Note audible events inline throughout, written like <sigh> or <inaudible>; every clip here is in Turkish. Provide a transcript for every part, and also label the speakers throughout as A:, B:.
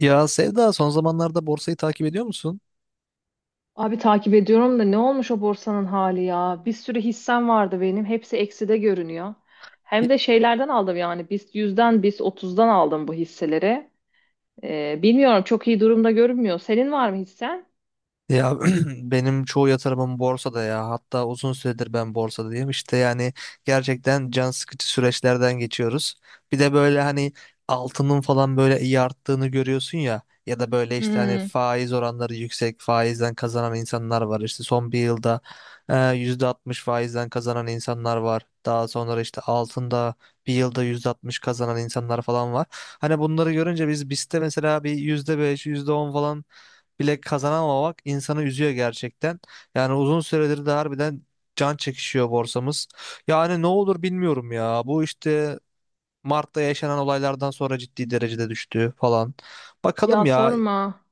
A: Ya Sevda son zamanlarda borsayı takip ediyor musun?
B: Abi takip ediyorum da ne olmuş o borsanın hali ya? Bir sürü hissem vardı benim. Hepsi ekside görünüyor. Hem de şeylerden aldım yani. Biz yüzden, biz otuzdan aldım bu hisseleri. Bilmiyorum, çok iyi durumda görünmüyor. Senin var mı hissen?
A: Ya <clears throat> benim çoğu yatırımım borsada ya. Hatta uzun süredir ben borsadayım. İşte yani gerçekten can sıkıcı süreçlerden geçiyoruz. Bir de böyle hani altının falan böyle iyi arttığını görüyorsun ya. Ya da böyle işte hani
B: Hmm.
A: faiz oranları yüksek, faizden kazanan insanlar var. İşte son bir yılda %60 faizden kazanan insanlar var. Daha sonra işte altında bir yılda %60 kazanan insanlar falan var. Hani bunları görünce biz BIST'te mesela bir %5 yüzde on falan bile kazanamamak insanı üzüyor gerçekten. Yani uzun süredir de harbiden can çekişiyor borsamız. Yani ne olur bilmiyorum ya. Bu işte Mart'ta yaşanan olaylardan sonra ciddi derecede düştü falan. Bakalım
B: Ya,
A: ya.
B: sorma.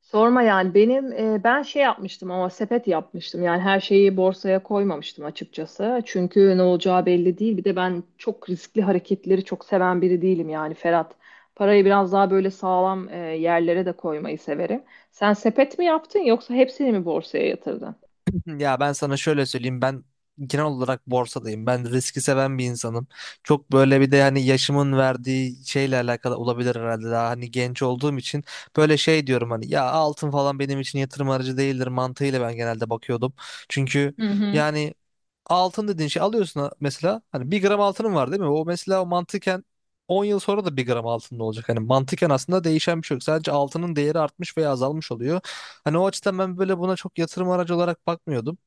B: Sorma yani benim ben şey yapmıştım ama sepet yapmıştım, yani her şeyi borsaya koymamıştım açıkçası, çünkü ne olacağı belli değil. Bir de ben çok riskli hareketleri çok seven biri değilim yani, Ferhat, parayı biraz daha böyle sağlam yerlere de koymayı severim. Sen sepet mi yaptın yoksa hepsini mi borsaya yatırdın?
A: <laughs> Ya ben sana şöyle söyleyeyim, ben genel olarak borsadayım. Ben riski seven bir insanım. Çok böyle, bir de hani yaşımın verdiği şeyle alakalı olabilir herhalde, daha hani genç olduğum için böyle şey diyorum, hani ya altın falan benim için yatırım aracı değildir mantığıyla ben genelde bakıyordum. Çünkü
B: Hı hı.
A: yani altın dediğin şey, alıyorsun mesela, hani bir gram altının var değil mi? O mesela o mantıken 10 yıl sonra da bir gram altında olacak. Hani mantıken aslında değişen bir şey yok. Sadece altının değeri artmış veya azalmış oluyor. Hani o açıdan ben böyle buna çok yatırım aracı olarak bakmıyordum.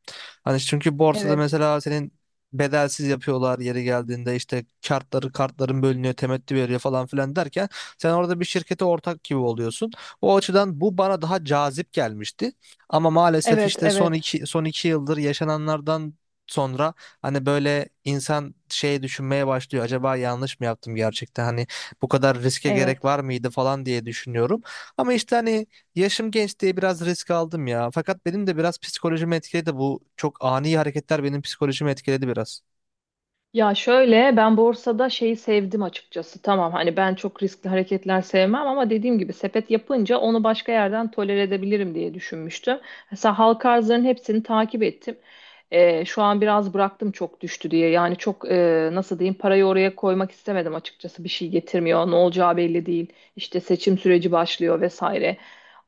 A: Hani çünkü borsada
B: Evet.
A: mesela senin bedelsiz yapıyorlar yeri geldiğinde, işte kartların bölünüyor, temettü veriyor falan filan derken sen orada bir şirkete ortak gibi oluyorsun. O açıdan bu bana daha cazip gelmişti. Ama maalesef
B: Evet, evet,
A: işte
B: evet,
A: son iki yıldır yaşananlardan sonra hani böyle insan şey düşünmeye başlıyor. Acaba yanlış mı yaptım gerçekten? Hani bu kadar riske gerek
B: evet.
A: var mıydı falan diye düşünüyorum. Ama işte hani yaşım genç diye biraz risk aldım ya. Fakat benim de biraz psikolojimi etkiledi, bu çok ani hareketler benim psikolojimi etkiledi biraz.
B: Ya şöyle, ben borsada şeyi sevdim açıkçası. Tamam, hani ben çok riskli hareketler sevmem ama dediğim gibi sepet yapınca onu başka yerden tolere edebilirim diye düşünmüştüm. Mesela halka arzların hepsini takip ettim. Şu an biraz bıraktım, çok düştü diye. Yani çok, nasıl diyeyim, parayı oraya koymak istemedim açıkçası. Bir şey getirmiyor. Ne olacağı belli değil. İşte seçim süreci başlıyor vesaire.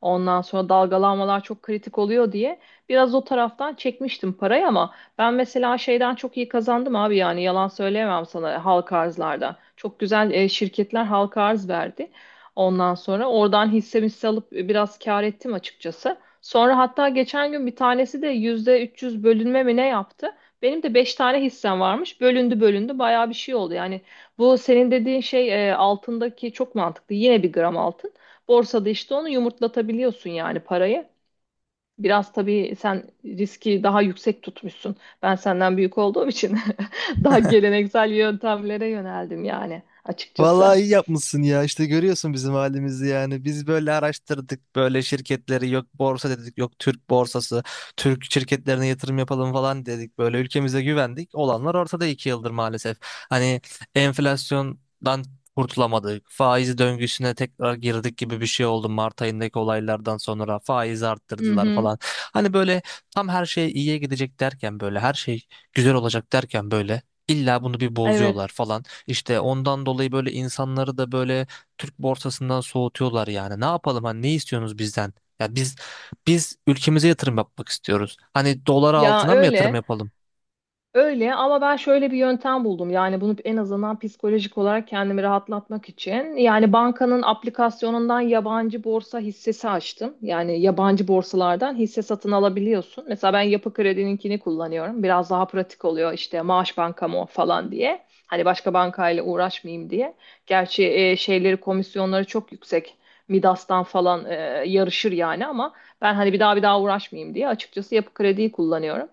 B: Ondan sonra dalgalanmalar çok kritik oluyor diye biraz o taraftan çekmiştim parayı, ama ben mesela şeyden çok iyi kazandım abi, yani yalan söyleyemem sana, halka arzlarda. Çok güzel şirketler halka arz verdi. Ondan sonra oradan hisse hisse alıp biraz kâr ettim açıkçası. Sonra hatta geçen gün bir tanesi de yüzde 300 bölünme mi ne yaptı? Benim de 5 tane hissem varmış. Bölündü bölündü, bayağı bir şey oldu. Yani bu senin dediğin şey, altındaki çok mantıklı. Yine bir gram altın. Borsada işte onu yumurtlatabiliyorsun, yani parayı. Biraz tabii sen riski daha yüksek tutmuşsun. Ben senden büyük olduğum için <laughs> daha geleneksel yöntemlere yöneldim yani, açıkçası.
A: Vallahi iyi yapmışsın ya. İşte görüyorsun bizim halimizi yani. Biz böyle araştırdık böyle şirketleri, yok borsa dedik, yok Türk borsası, Türk şirketlerine yatırım yapalım falan dedik. Böyle ülkemize güvendik. Olanlar ortada 2 yıldır maalesef. Hani enflasyondan kurtulamadık. Faiz döngüsüne tekrar girdik gibi bir şey oldu Mart ayındaki olaylardan sonra. Faiz
B: Hı
A: arttırdılar
B: hı.
A: falan. Hani böyle tam her şey iyiye gidecek derken, böyle her şey güzel olacak derken, böyle illa bunu bir bozuyorlar
B: Evet.
A: falan. İşte ondan dolayı böyle insanları da böyle Türk borsasından soğutuyorlar yani. Ne yapalım, hani ne istiyorsunuz bizden? Ya biz ülkemize yatırım yapmak istiyoruz. Hani dolara,
B: Ya
A: altına mı yatırım
B: öyle.
A: yapalım?
B: Öyle ama ben şöyle bir yöntem buldum. Yani bunu en azından psikolojik olarak kendimi rahatlatmak için. Yani bankanın aplikasyonundan yabancı borsa hissesi açtım. Yani yabancı borsalardan hisse satın alabiliyorsun. Mesela ben Yapı Kredi'ninkini kullanıyorum. Biraz daha pratik oluyor, işte maaş bankam o falan diye. Hani başka bankayla uğraşmayayım diye. Gerçi şeyleri, komisyonları çok yüksek. Midas'tan falan yarışır yani, ama ben hani bir daha bir daha uğraşmayayım diye, açıkçası, Yapı Kredi'yi kullanıyorum.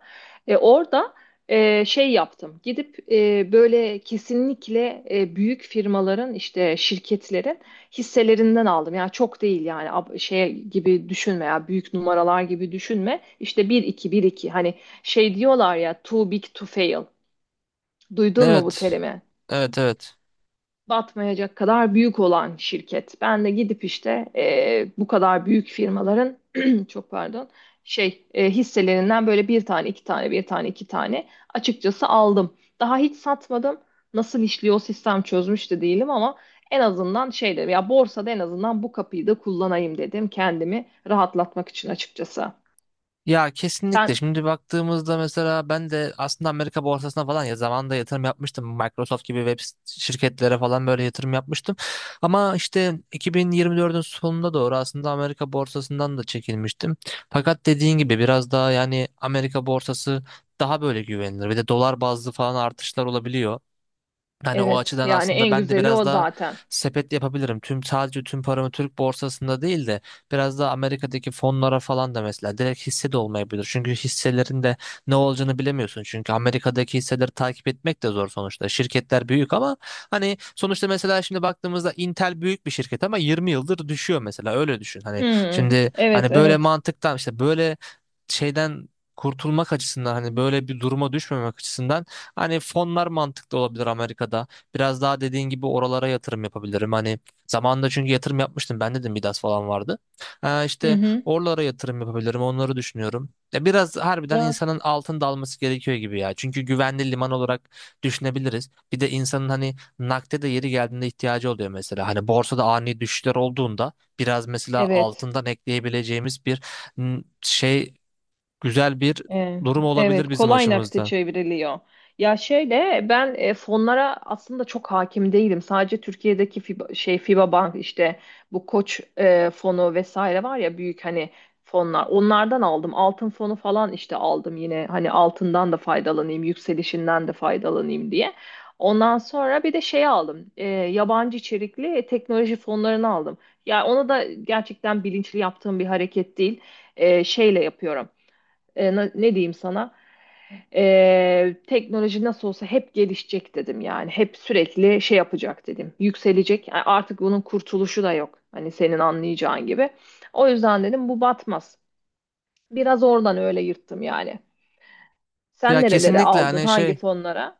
B: Orada şey yaptım. Gidip böyle kesinlikle büyük firmaların, işte şirketlerin hisselerinden aldım. Yani çok değil yani, şey gibi düşünme ya, büyük numaralar gibi düşünme. İşte bir iki, bir iki hani, şey diyorlar ya, too big to fail. Duydun mu bu
A: Evet.
B: terimi?
A: Evet, evet.
B: Batmayacak kadar büyük olan şirket. Ben de gidip işte, bu kadar büyük firmaların <clears throat> çok pardon, şey, hisselerinden böyle bir tane, iki tane, bir tane, iki tane, açıkçası aldım. Daha hiç satmadım. Nasıl işliyor o sistem, çözmüş de değilim, ama en azından şey dedim ya, borsada en azından bu kapıyı da kullanayım dedim, kendimi rahatlatmak için açıkçası.
A: Ya
B: Sen
A: kesinlikle. Şimdi baktığımızda mesela ben de aslında Amerika borsasına falan ya zamanında yatırım yapmıştım. Microsoft gibi şirketlere falan böyle yatırım yapmıştım. Ama işte 2024'ün sonunda doğru aslında Amerika borsasından da çekilmiştim. Fakat dediğin gibi biraz daha yani Amerika borsası daha böyle güvenilir. Bir de dolar bazlı falan artışlar olabiliyor. Hani o
B: evet,
A: açıdan
B: yani
A: aslında
B: en
A: ben de
B: güzeli
A: biraz
B: o
A: daha
B: zaten.
A: sepet yapabilirim. Sadece tüm paramı Türk borsasında değil de biraz daha Amerika'daki fonlara falan da, mesela direkt hisse de olmayabilir. Çünkü hisselerin de ne olacağını bilemiyorsun. Çünkü Amerika'daki hisseleri takip etmek de zor sonuçta. Şirketler büyük ama hani sonuçta mesela şimdi baktığımızda Intel büyük bir şirket ama 20 yıldır düşüyor mesela, öyle düşün. Hani
B: Hmm,
A: şimdi,
B: evet
A: hani böyle
B: evet.
A: mantıktan, işte böyle şeyden kurtulmak açısından, hani böyle bir duruma düşmemek açısından, hani fonlar mantıklı olabilir Amerika'da. Biraz daha dediğin gibi oralara yatırım yapabilirim. Hani zamanında çünkü yatırım yapmıştım. Ben dedim Midas falan vardı.
B: Hı
A: İşte
B: hı.
A: oralara yatırım yapabilirim. Onları düşünüyorum. Ya biraz harbiden
B: Ya
A: insanın altın dalması gerekiyor gibi ya. Çünkü güvenli liman olarak düşünebiliriz. Bir de insanın hani nakde de yeri geldiğinde ihtiyacı oluyor mesela. Hani borsada ani düşüşler olduğunda biraz mesela
B: evet.
A: altından ekleyebileceğimiz bir şey, güzel bir
B: E,
A: durum olabilir
B: evet,
A: bizim
B: kolay nakite
A: açımızdan.
B: çevriliyor. Ya şöyle, ben fonlara aslında çok hakim değilim. Sadece Türkiye'deki FIBA, şey, FIBA Bank, işte bu Koç fonu vesaire var ya, büyük hani fonlar. Onlardan aldım. Altın fonu falan işte aldım, yine hani altından da faydalanayım, yükselişinden de faydalanayım diye. Ondan sonra bir de şey aldım. Yabancı içerikli teknoloji fonlarını aldım. Ya onu da gerçekten bilinçli yaptığım bir hareket değil. Şeyle yapıyorum, ne diyeyim sana, teknoloji nasıl olsa hep gelişecek dedim yani, hep sürekli şey yapacak dedim, yükselecek. Yani artık bunun kurtuluşu da yok, hani, senin anlayacağın gibi. O yüzden dedim bu batmaz, biraz oradan öyle yırttım yani. Sen
A: Ya
B: nerelere
A: kesinlikle,
B: aldın,
A: hani
B: hangi
A: şey,
B: fonlara?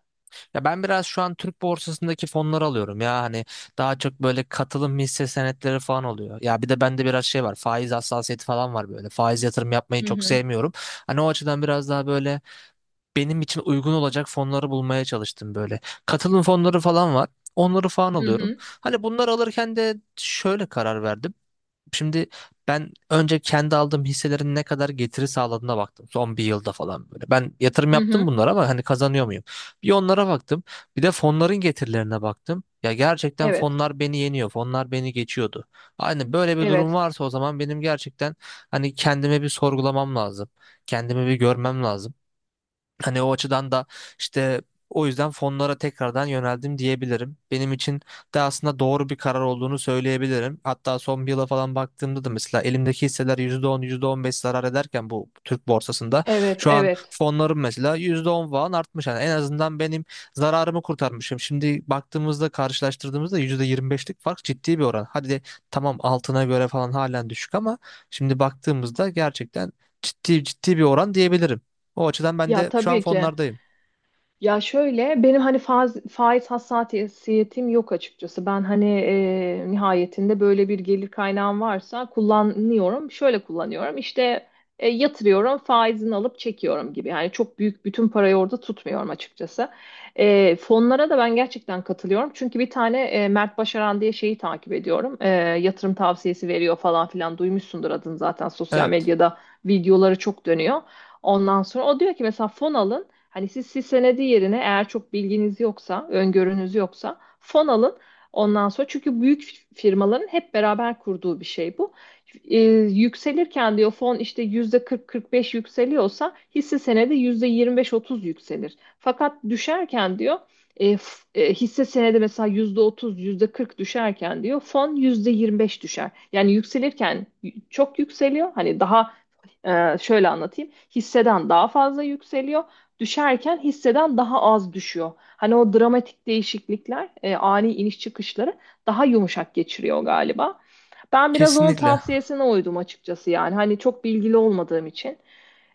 A: ya ben biraz şu an Türk borsasındaki fonları alıyorum ya, hani daha çok böyle katılım hisse senetleri falan oluyor. Ya bir de bende biraz şey var, faiz hassasiyeti falan var, böyle faiz yatırım yapmayı
B: Hı
A: çok
B: hı,
A: sevmiyorum. Hani o açıdan biraz daha böyle benim için uygun olacak fonları bulmaya çalıştım böyle. Katılım fonları falan var, onları falan
B: hı
A: alıyorum.
B: hı,
A: Hani bunları alırken de şöyle karar verdim. Şimdi ben önce kendi aldığım hisselerin ne kadar getiri sağladığına baktım. Son bir yılda falan böyle. Ben yatırım
B: hı
A: yaptım
B: hı.
A: bunlara ama hani kazanıyor muyum? Bir onlara baktım. Bir de fonların getirilerine baktım. Ya gerçekten
B: Evet,
A: fonlar beni yeniyor. Fonlar beni geçiyordu. Hani böyle bir durum
B: evet,
A: varsa o zaman benim gerçekten hani kendime bir sorgulamam lazım. Kendimi bir görmem lazım. Hani o açıdan da işte, o yüzden fonlara tekrardan yöneldim diyebilirim. Benim için de aslında doğru bir karar olduğunu söyleyebilirim. Hatta son bir yıla falan baktığımda da mesela elimdeki hisseler yüzde on, yüzde on beş zarar ederken bu Türk borsasında
B: evet,
A: şu an
B: evet.
A: fonlarım mesela %10 falan artmış. Yani en azından benim zararımı kurtarmışım. Şimdi baktığımızda, karşılaştırdığımızda %25'lik fark ciddi bir oran. Hadi de tamam altına göre falan halen düşük ama şimdi baktığımızda gerçekten ciddi ciddi bir oran diyebilirim. O açıdan ben
B: Ya,
A: de şu an
B: tabii ki.
A: fonlardayım.
B: Ya şöyle, benim hani faiz hassasiyetim yok açıkçası. Ben hani, nihayetinde böyle bir gelir kaynağım varsa kullanıyorum. Şöyle kullanıyorum işte, yatırıyorum, faizini alıp çekiyorum gibi. Yani çok büyük bütün parayı orada tutmuyorum açıkçası. Fonlara da ben gerçekten katılıyorum. Çünkü bir tane, Mert Başaran diye şeyi takip ediyorum. Yatırım tavsiyesi veriyor falan filan, duymuşsundur adını zaten, sosyal
A: Evet.
B: medyada videoları çok dönüyor. Ondan sonra o diyor ki, mesela fon alın. Hani siz hisse senedi yerine, eğer çok bilginiz yoksa, öngörünüz yoksa, fon alın. Ondan sonra, çünkü büyük firmaların hep beraber kurduğu bir şey bu. Ee, Yükselirken diyor fon işte yüzde 40-45 yükseliyorsa, hisse senedi yüzde 25-30 yükselir. Fakat düşerken diyor hisse senedi mesela yüzde 30 yüzde 40 düşerken, diyor, fon yüzde 25 düşer. Yani yükselirken çok yükseliyor. Hani daha, şöyle anlatayım, hisseden daha fazla yükseliyor, düşerken hisseden daha az düşüyor. Hani o dramatik değişiklikler, ani iniş çıkışları daha yumuşak geçiriyor galiba. Ben biraz onun
A: Kesinlikle.
B: tavsiyesine uydum açıkçası yani. Hani çok bilgili olmadığım için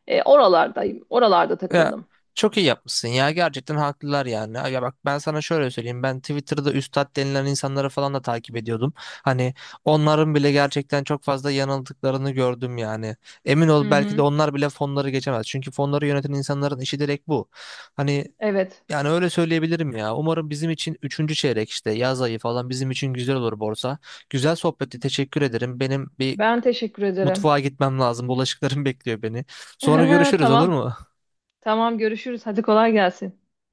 B: oralardayım. Oralarda
A: Ya,
B: takıldım.
A: çok iyi yapmışsın ya. Gerçekten haklılar yani. Ya bak ben sana şöyle söyleyeyim. Ben Twitter'da üstad denilen insanları falan da takip ediyordum. Hani onların bile gerçekten çok fazla yanıldıklarını gördüm yani. Emin ol,
B: Hı
A: belki de
B: hı.
A: onlar bile fonları geçemez. Çünkü fonları yöneten insanların işi direkt bu. Hani
B: Evet.
A: yani öyle söyleyebilirim ya. Umarım bizim için üçüncü çeyrek, işte yaz ayı falan bizim için güzel olur borsa. Güzel sohbeti teşekkür ederim. Benim bir
B: Ben teşekkür ederim.
A: Mutfağa gitmem lazım. Bulaşıklarım bekliyor beni. Sonra
B: <laughs>
A: görüşürüz olur
B: Tamam.
A: mu?
B: Tamam, görüşürüz. Hadi kolay gelsin.